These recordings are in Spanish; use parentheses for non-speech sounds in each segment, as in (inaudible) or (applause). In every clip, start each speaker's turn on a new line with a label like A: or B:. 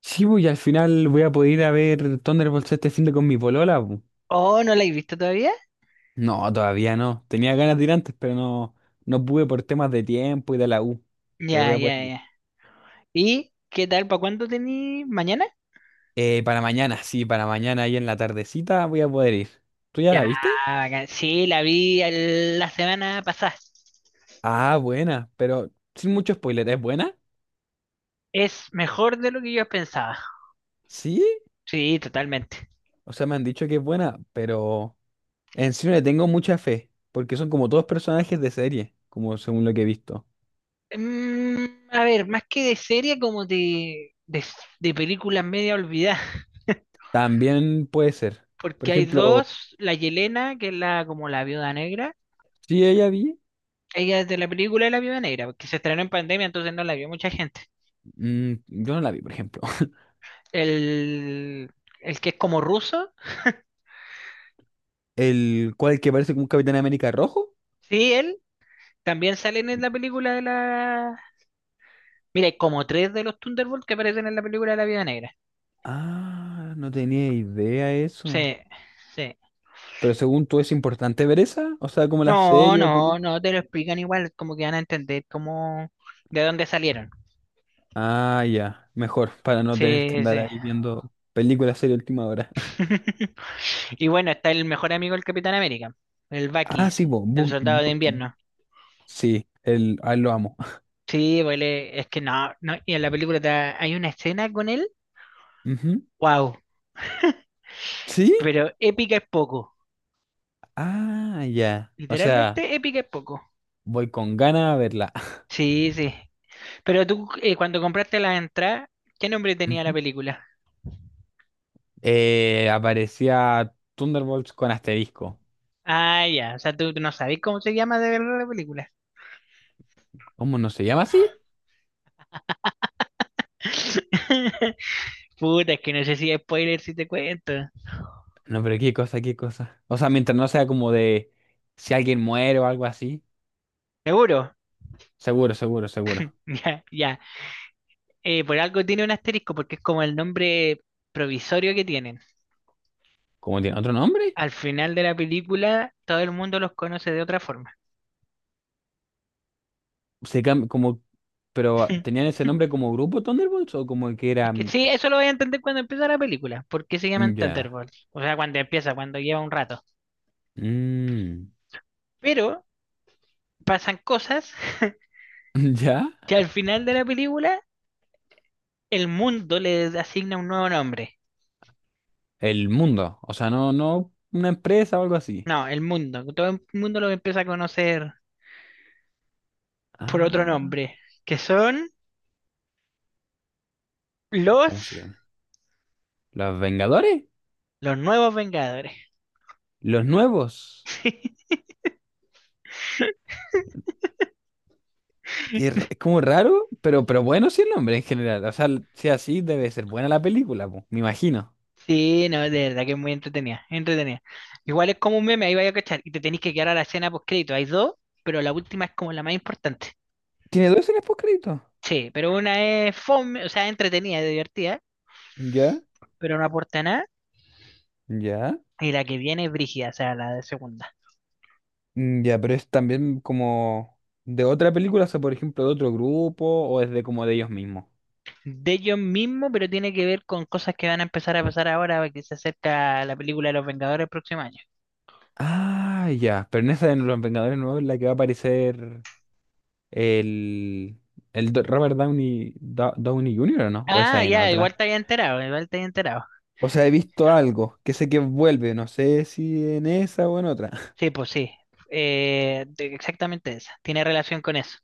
A: Sí, pues, y al final voy a poder ir a ver Thunderbolts este fin de con mi polola, pues.
B: Oh, ¿no la he visto todavía?
A: No, todavía no. Tenía ganas de ir antes, pero no, no pude por temas de tiempo y de la U. Pero voy
B: Ya,
A: a poder
B: ya,
A: ir.
B: ya. ¿Y qué tal? ¿Para cuándo tení? ¿Mañana?
A: Para mañana, sí, para mañana ahí en la tardecita voy a poder ir. ¿Tú ya la
B: Ya,
A: viste?
B: bacán. Sí, la vi la semana pasada.
A: Ah, buena, pero sin mucho spoiler, ¿es buena?
B: Es mejor de lo que yo pensaba.
A: Sí,
B: Sí, totalmente.
A: o sea, me han dicho que es buena, pero en sí no le tengo mucha fe, porque son como todos personajes de serie, como según lo que he visto.
B: A ver, más que de serie, como de películas media olvidadas. (laughs)
A: También puede ser. Por
B: Porque hay
A: ejemplo,
B: dos, la Yelena, que es la como la viuda negra.
A: sí, ella vi.
B: Ella es de la película de la viuda negra, porque se estrenó en pandemia, entonces no la vio mucha gente.
A: Yo no la vi, por ejemplo. (laughs)
B: El, el que es como ruso,
A: ¿El cual que parece como un Capitán América rojo?
B: sí, él. También salen en la película de la... Mira, hay como tres de los Thunderbolts que aparecen en la película de la Vida Negra.
A: Ah, no tenía idea eso.
B: Sí, sí.
A: Pero según tú, ¿es importante ver esa? O sea, como la
B: No,
A: serie o
B: no,
A: película.
B: no te lo explican igual, como que van a entender cómo de dónde salieron.
A: Ah, ya, mejor, para no tener que
B: Sí,
A: andar
B: sí.
A: ahí viendo películas, serie última hora. (laughs)
B: (laughs) Y bueno, está el mejor amigo del Capitán América, el
A: Ah,
B: Bucky,
A: sí,
B: el soldado de
A: Bucky.
B: invierno.
A: Sí, a él lo amo. (laughs)
B: Sí, pues él es que no, no, y en la película hay una escena con él,
A: Ujú.
B: wow,
A: ¿Sí?
B: pero épica es poco,
A: Ah, ya. O sea,
B: literalmente épica es poco.
A: voy con ganas a verla. (laughs)
B: Sí, sí, pero tú, cuando compraste la entrada, ¿qué nombre tenía la
A: Ujú.
B: película?
A: Aparecía Thunderbolts con asterisco.
B: Ah, ya, o sea, tú no sabes cómo se llama de verdad la película.
A: ¿Cómo no se llama así?
B: (laughs) Puta, es que no sé si es spoiler si te cuento.
A: No, pero qué cosa, qué cosa. O sea, mientras no sea como de si alguien muere o algo así.
B: ¿Seguro? (laughs)
A: Seguro, seguro, seguro.
B: Ya, ya. Por algo tiene un asterisco, porque es como el nombre provisorio que tienen.
A: ¿Cómo tiene otro nombre?
B: Al final de la película, todo el mundo los conoce de otra forma.
A: Como, pero ¿tenían ese nombre como grupo Thunderbolts o como que
B: Es
A: era
B: que sí, eso lo voy a entender cuando empieza la película. ¿Por qué se llaman
A: ¿ya?
B: Thunderbolts? O sea, cuando empieza, cuando lleva un rato.
A: Mm,
B: Pero pasan cosas (laughs)
A: (laughs) ¿ya?
B: que al final de la película el mundo le asigna un nuevo nombre.
A: El mundo. O sea, no, no una empresa o algo así.
B: No, el mundo. Todo el mundo lo empieza a conocer por otro
A: Ah,
B: nombre, que son
A: ¿cómo
B: los,
A: se llama? ¿Los Vengadores?
B: los nuevos Vengadores.
A: ¿Los nuevos?
B: (laughs)
A: Es como raro, pero bueno sí el nombre en general. O sea, si así debe ser buena la película, po, me imagino.
B: Sí, no, de verdad que es muy entretenida, entretenida. Igual es como un meme, ahí vaya a cachar, y te tenés que quedar a la escena post crédito. Hay dos, pero la última es como la más importante.
A: Tiene dos escenas postcréditos.
B: Sí, pero una es fome, o sea, entretenida, divertida,
A: Ya,
B: pero no aporta nada,
A: ya.
B: y la que viene es brígida, o sea, la de segunda.
A: Mm, ya, pero es también como de otra película, o sea, por ejemplo, de otro grupo, o es de como de ellos mismos.
B: De ellos mismos, pero tiene que ver con cosas que van a empezar a pasar ahora, que se acerca la película de Los Vengadores el próximo año.
A: Ah, ya. Pero en esa de Los Vengadores Nuevos es la que va a aparecer el, el Robert Downey, Downey Jr., ¿o no? O esa
B: Ah,
A: en
B: ya,
A: otra.
B: igual te había enterado, igual te había enterado.
A: O sea, he visto algo que sé que vuelve, no sé si en esa o en otra. (laughs)
B: Sí, pues sí, exactamente esa, tiene relación con eso.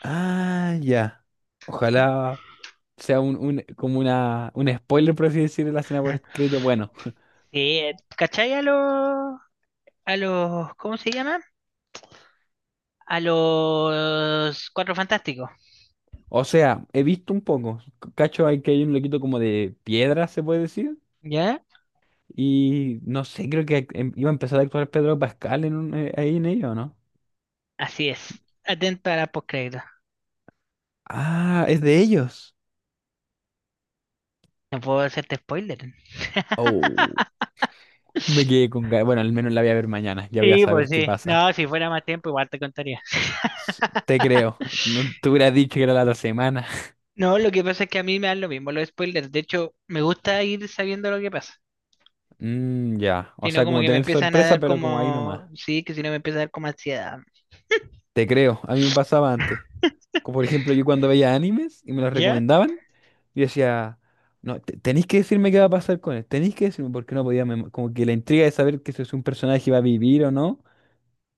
A: Ah, ya. Ojalá sea un, un spoiler, por así decirlo, de la escena post-crédito. Bueno.
B: Sí, ¿cachai a los, ¿cómo se llama? A los Cuatro Fantásticos,
A: O sea, he visto un poco. Cacho, hay que hay un loquito como de piedra, se puede decir.
B: ¿ya?
A: Y no sé, creo que iba a empezar a actuar Pedro Pascal en ahí en ello, ¿no?
B: Así es, atento a la postcrédito.
A: Ah, es de ellos.
B: No puedo hacerte spoiler.
A: Oh, me quedé con ganas. Bueno, al menos la voy a ver mañana. Ya voy a
B: Sí, pues
A: saber qué
B: sí.
A: pasa.
B: No, si fuera más tiempo, igual te contaría.
A: Te creo. No te hubiera dicho que era la otra semana. (laughs)
B: No, lo que pasa es que a mí me dan lo mismo los spoilers. De hecho, me gusta ir sabiendo lo que pasa.
A: Mm, ya. O
B: Si no,
A: sea,
B: como
A: como
B: que me
A: tener
B: empiezan a
A: sorpresa,
B: dar
A: pero como ahí nomás.
B: como, sí, que si no me empieza a dar como ansiedad.
A: Te creo. A mí me pasaba antes. Como por ejemplo, yo cuando veía animes y me los
B: ¿Ya?
A: recomendaban, yo decía, no, tenéis que decirme qué va a pasar con él, tenéis que decirme porque no podía, como que la intriga de saber que si es un personaje va a vivir o no,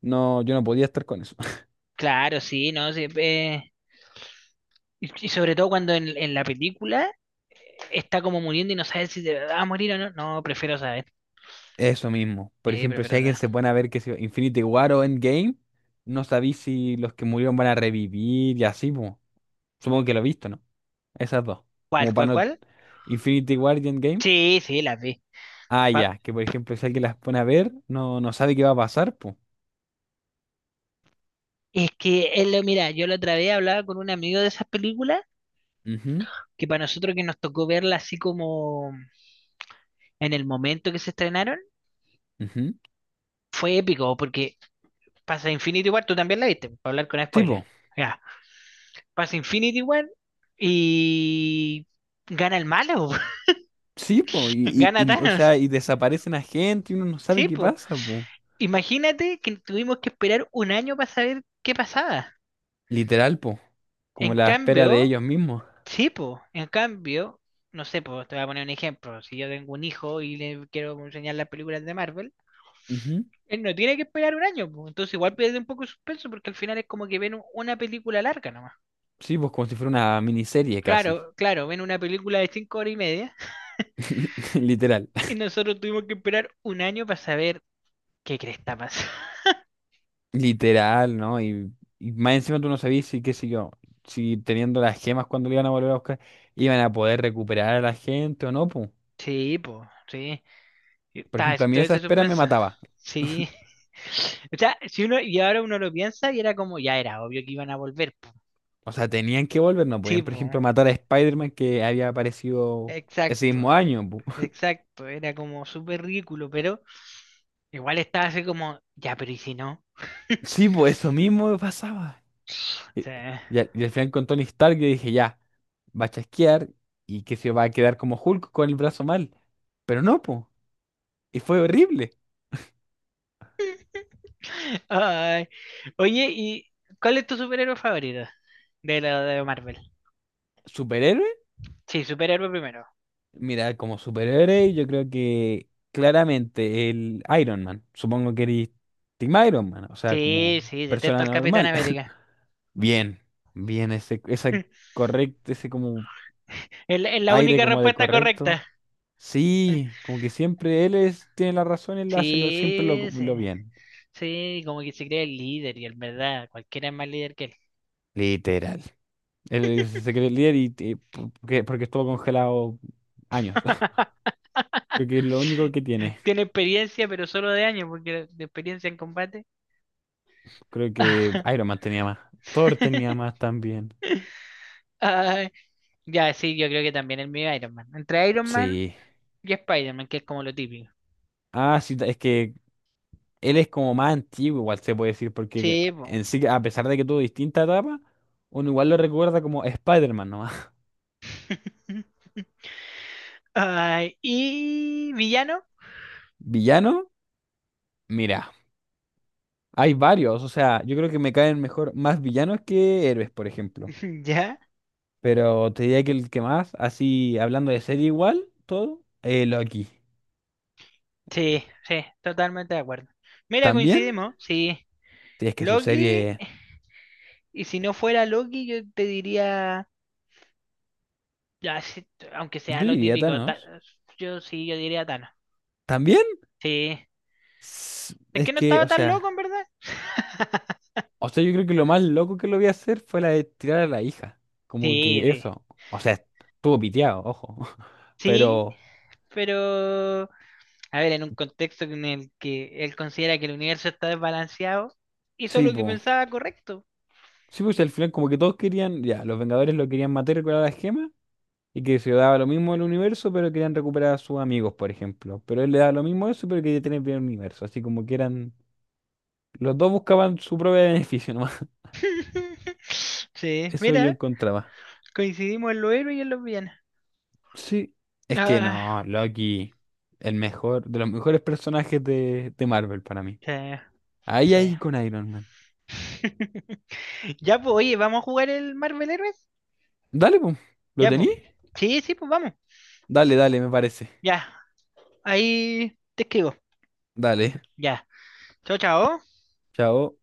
A: no, yo no podía estar con eso. (laughs)
B: Claro, sí, ¿no? Sí, y sobre todo cuando en la película está como muriendo y no sabes si de va a morir o no. No, prefiero saber.
A: Eso mismo. Por
B: Sí,
A: ejemplo, si
B: prefiero
A: alguien
B: saber.
A: se pone a ver que si Infinity War o Endgame, no sabéis si los que murieron van a revivir y así, po. Supongo que lo he visto, ¿no? Esas dos. Como
B: ¿Cuál, cuál,
A: para no...
B: cuál?
A: Infinity War y Endgame.
B: Sí, sí, las vi.
A: Ah,
B: Cua-
A: ya, que por ejemplo, si alguien las pone a ver, no, no sabe qué va a pasar, pues.
B: Es que, mira, yo la otra vez hablaba con un amigo de esas películas que para nosotros que nos tocó verla así como en el momento que se estrenaron fue épico porque pasa Infinity War, tú también la viste, para hablar con
A: Sí,
B: spoilers.
A: po.
B: Ya, pasa Infinity War y gana el malo,
A: Sí, po.
B: (laughs)
A: Y, y,
B: gana
A: y, o
B: Thanos.
A: sea, y desaparecen a gente y uno no sabe
B: Sí,
A: qué
B: po.
A: pasa, po.
B: Imagínate que tuvimos que esperar un año para saber qué pasaba.
A: Literal, po. Como
B: En
A: la espera de
B: cambio,
A: ellos mismos.
B: sí, po, en cambio, no sé, po, te voy a poner un ejemplo. Si yo tengo un hijo y le quiero enseñar las películas de Marvel,
A: Ujú.
B: él no tiene que esperar un año, po. Entonces igual pierde un poco de suspenso porque al final es como que ven una película larga nomás.
A: Sí, pues como si fuera una miniserie casi.
B: Claro, claro, ven una película de 5 horas y media (laughs)
A: (laughs) Literal.
B: y nosotros tuvimos que esperar un año para saber qué cresta pasa. (laughs)
A: Literal, ¿no? Y más encima tú no sabías si, qué sé yo, si teniendo las gemas cuando le iban a volver a buscar, iban a poder recuperar a la gente o no, po.
B: Sí, pues, sí.
A: Por
B: Está
A: ejemplo, a mí
B: todo
A: esa
B: ese
A: espera me
B: suspenso.
A: mataba.
B: Sí. (laughs) O sea, si uno, y ahora uno lo piensa y era como, ya era obvio que iban a volver, po.
A: O sea, tenían que volver, no
B: Sí,
A: podían, por
B: pues.
A: ejemplo, matar a Spider-Man que había aparecido ese
B: Exacto,
A: mismo año,
B: exacto. Era como súper ridículo, pero igual estaba así como, ya, pero ¿y si no? (laughs)
A: sí, pues eso mismo me pasaba.
B: O
A: Y,
B: sea,
A: y al final con Tony Stark yo dije, ya, va a chasquear y que se va a quedar como Hulk con el brazo mal. Pero no, pues. Y fue horrible.
B: ay. Oye, ¿y cuál es tu superhéroe favorito de la de Marvel?
A: ¿Superhéroe?
B: Sí, superhéroe primero.
A: Mira, como superhéroe yo creo que claramente el Iron Man. Supongo que eres Team Iron Man, o sea,
B: Sí,
A: como
B: sí, detesto
A: persona
B: al Capitán
A: normal.
B: América.
A: (laughs) Bien, bien, ese, esa correcto, ese como
B: Es la
A: aire
B: única
A: como de
B: respuesta
A: correcto.
B: correcta.
A: Sí, como que siempre él es, tiene la razón, él hace lo, siempre lo,
B: Sí, sí.
A: lo bien.
B: Sí, como que se cree el líder y en verdad, cualquiera es más líder que él.
A: Literal. Él se cree el líder y, y porque estuvo congelado años. (laughs) Creo que es
B: (laughs)
A: lo único que tiene.
B: Tiene experiencia, pero solo de años, porque de experiencia en combate.
A: Creo que Iron Man tenía más. Thor tenía
B: (laughs)
A: más también.
B: Ay, ya, sí, yo creo que también el mío es Iron Man. Entre Iron Man
A: Sí.
B: y Spider-Man, que es como lo típico.
A: Ah, sí, es que él es como más antiguo, igual se puede decir, porque
B: Sí, po.
A: en sí, a pesar de que tuvo distintas etapas, uno igual lo recuerda como Spider-Man nomás.
B: (laughs) Ay, ¿y villano?
A: (laughs) Villano, mira. Hay varios, o sea, yo creo que me caen mejor más villanos que héroes, por ejemplo.
B: (laughs) Ya.
A: Pero te diría que el que más, así hablando de serie igual, todo, Loki.
B: Sí, sí, totalmente de acuerdo. Mira,
A: También,
B: coincidimos, sí.
A: si es que su
B: Loki,
A: serie,
B: y si no fuera Loki, yo te diría, ya, sí, aunque
A: yo
B: sea lo
A: diría
B: típico,
A: Thanos.
B: yo sí, yo diría Thanos.
A: También,
B: Sí, es
A: es
B: que no
A: que,
B: estaba
A: o
B: tan loco, en
A: sea,
B: verdad. (laughs)
A: o sea, yo creo que lo más loco que lo vi hacer fue la de tirar a la hija. Como
B: Sí,
A: que
B: sí,
A: eso, o sea, estuvo piteado, ojo. (laughs)
B: sí,
A: Pero,
B: pero, a ver, en un contexto en el que él considera que el universo está desbalanceado, hizo
A: sí,
B: lo que
A: pues,
B: pensaba correcto.
A: sí, pues al final como que todos querían, ya, los Vengadores lo querían matar con la gema. Y que se daba lo mismo el universo, pero querían recuperar a sus amigos, por ejemplo. Pero él le daba lo mismo eso, pero quería tener bien el universo. Así como que eran. Los dos buscaban su propio beneficio nomás.
B: (laughs)
A: (laughs)
B: Sí,
A: Eso yo
B: mira,
A: encontraba.
B: coincidimos en los héroes y en los villanos.
A: Sí. Es que no,
B: Ah,
A: Loki, el mejor, de los mejores personajes de, Marvel para mí.
B: sí,
A: Ahí,
B: sí.
A: ahí con Iron Man.
B: Ya, pues, oye, ¿vamos a jugar el Marvel Heroes?
A: Dale, pum. ¿Lo
B: Ya, pues.
A: tení?
B: Sí, sí, pues vamos.
A: Dale, dale, me parece.
B: Ya, ahí te escribo.
A: Dale.
B: Ya. Chao, chao.
A: (laughs) Chao.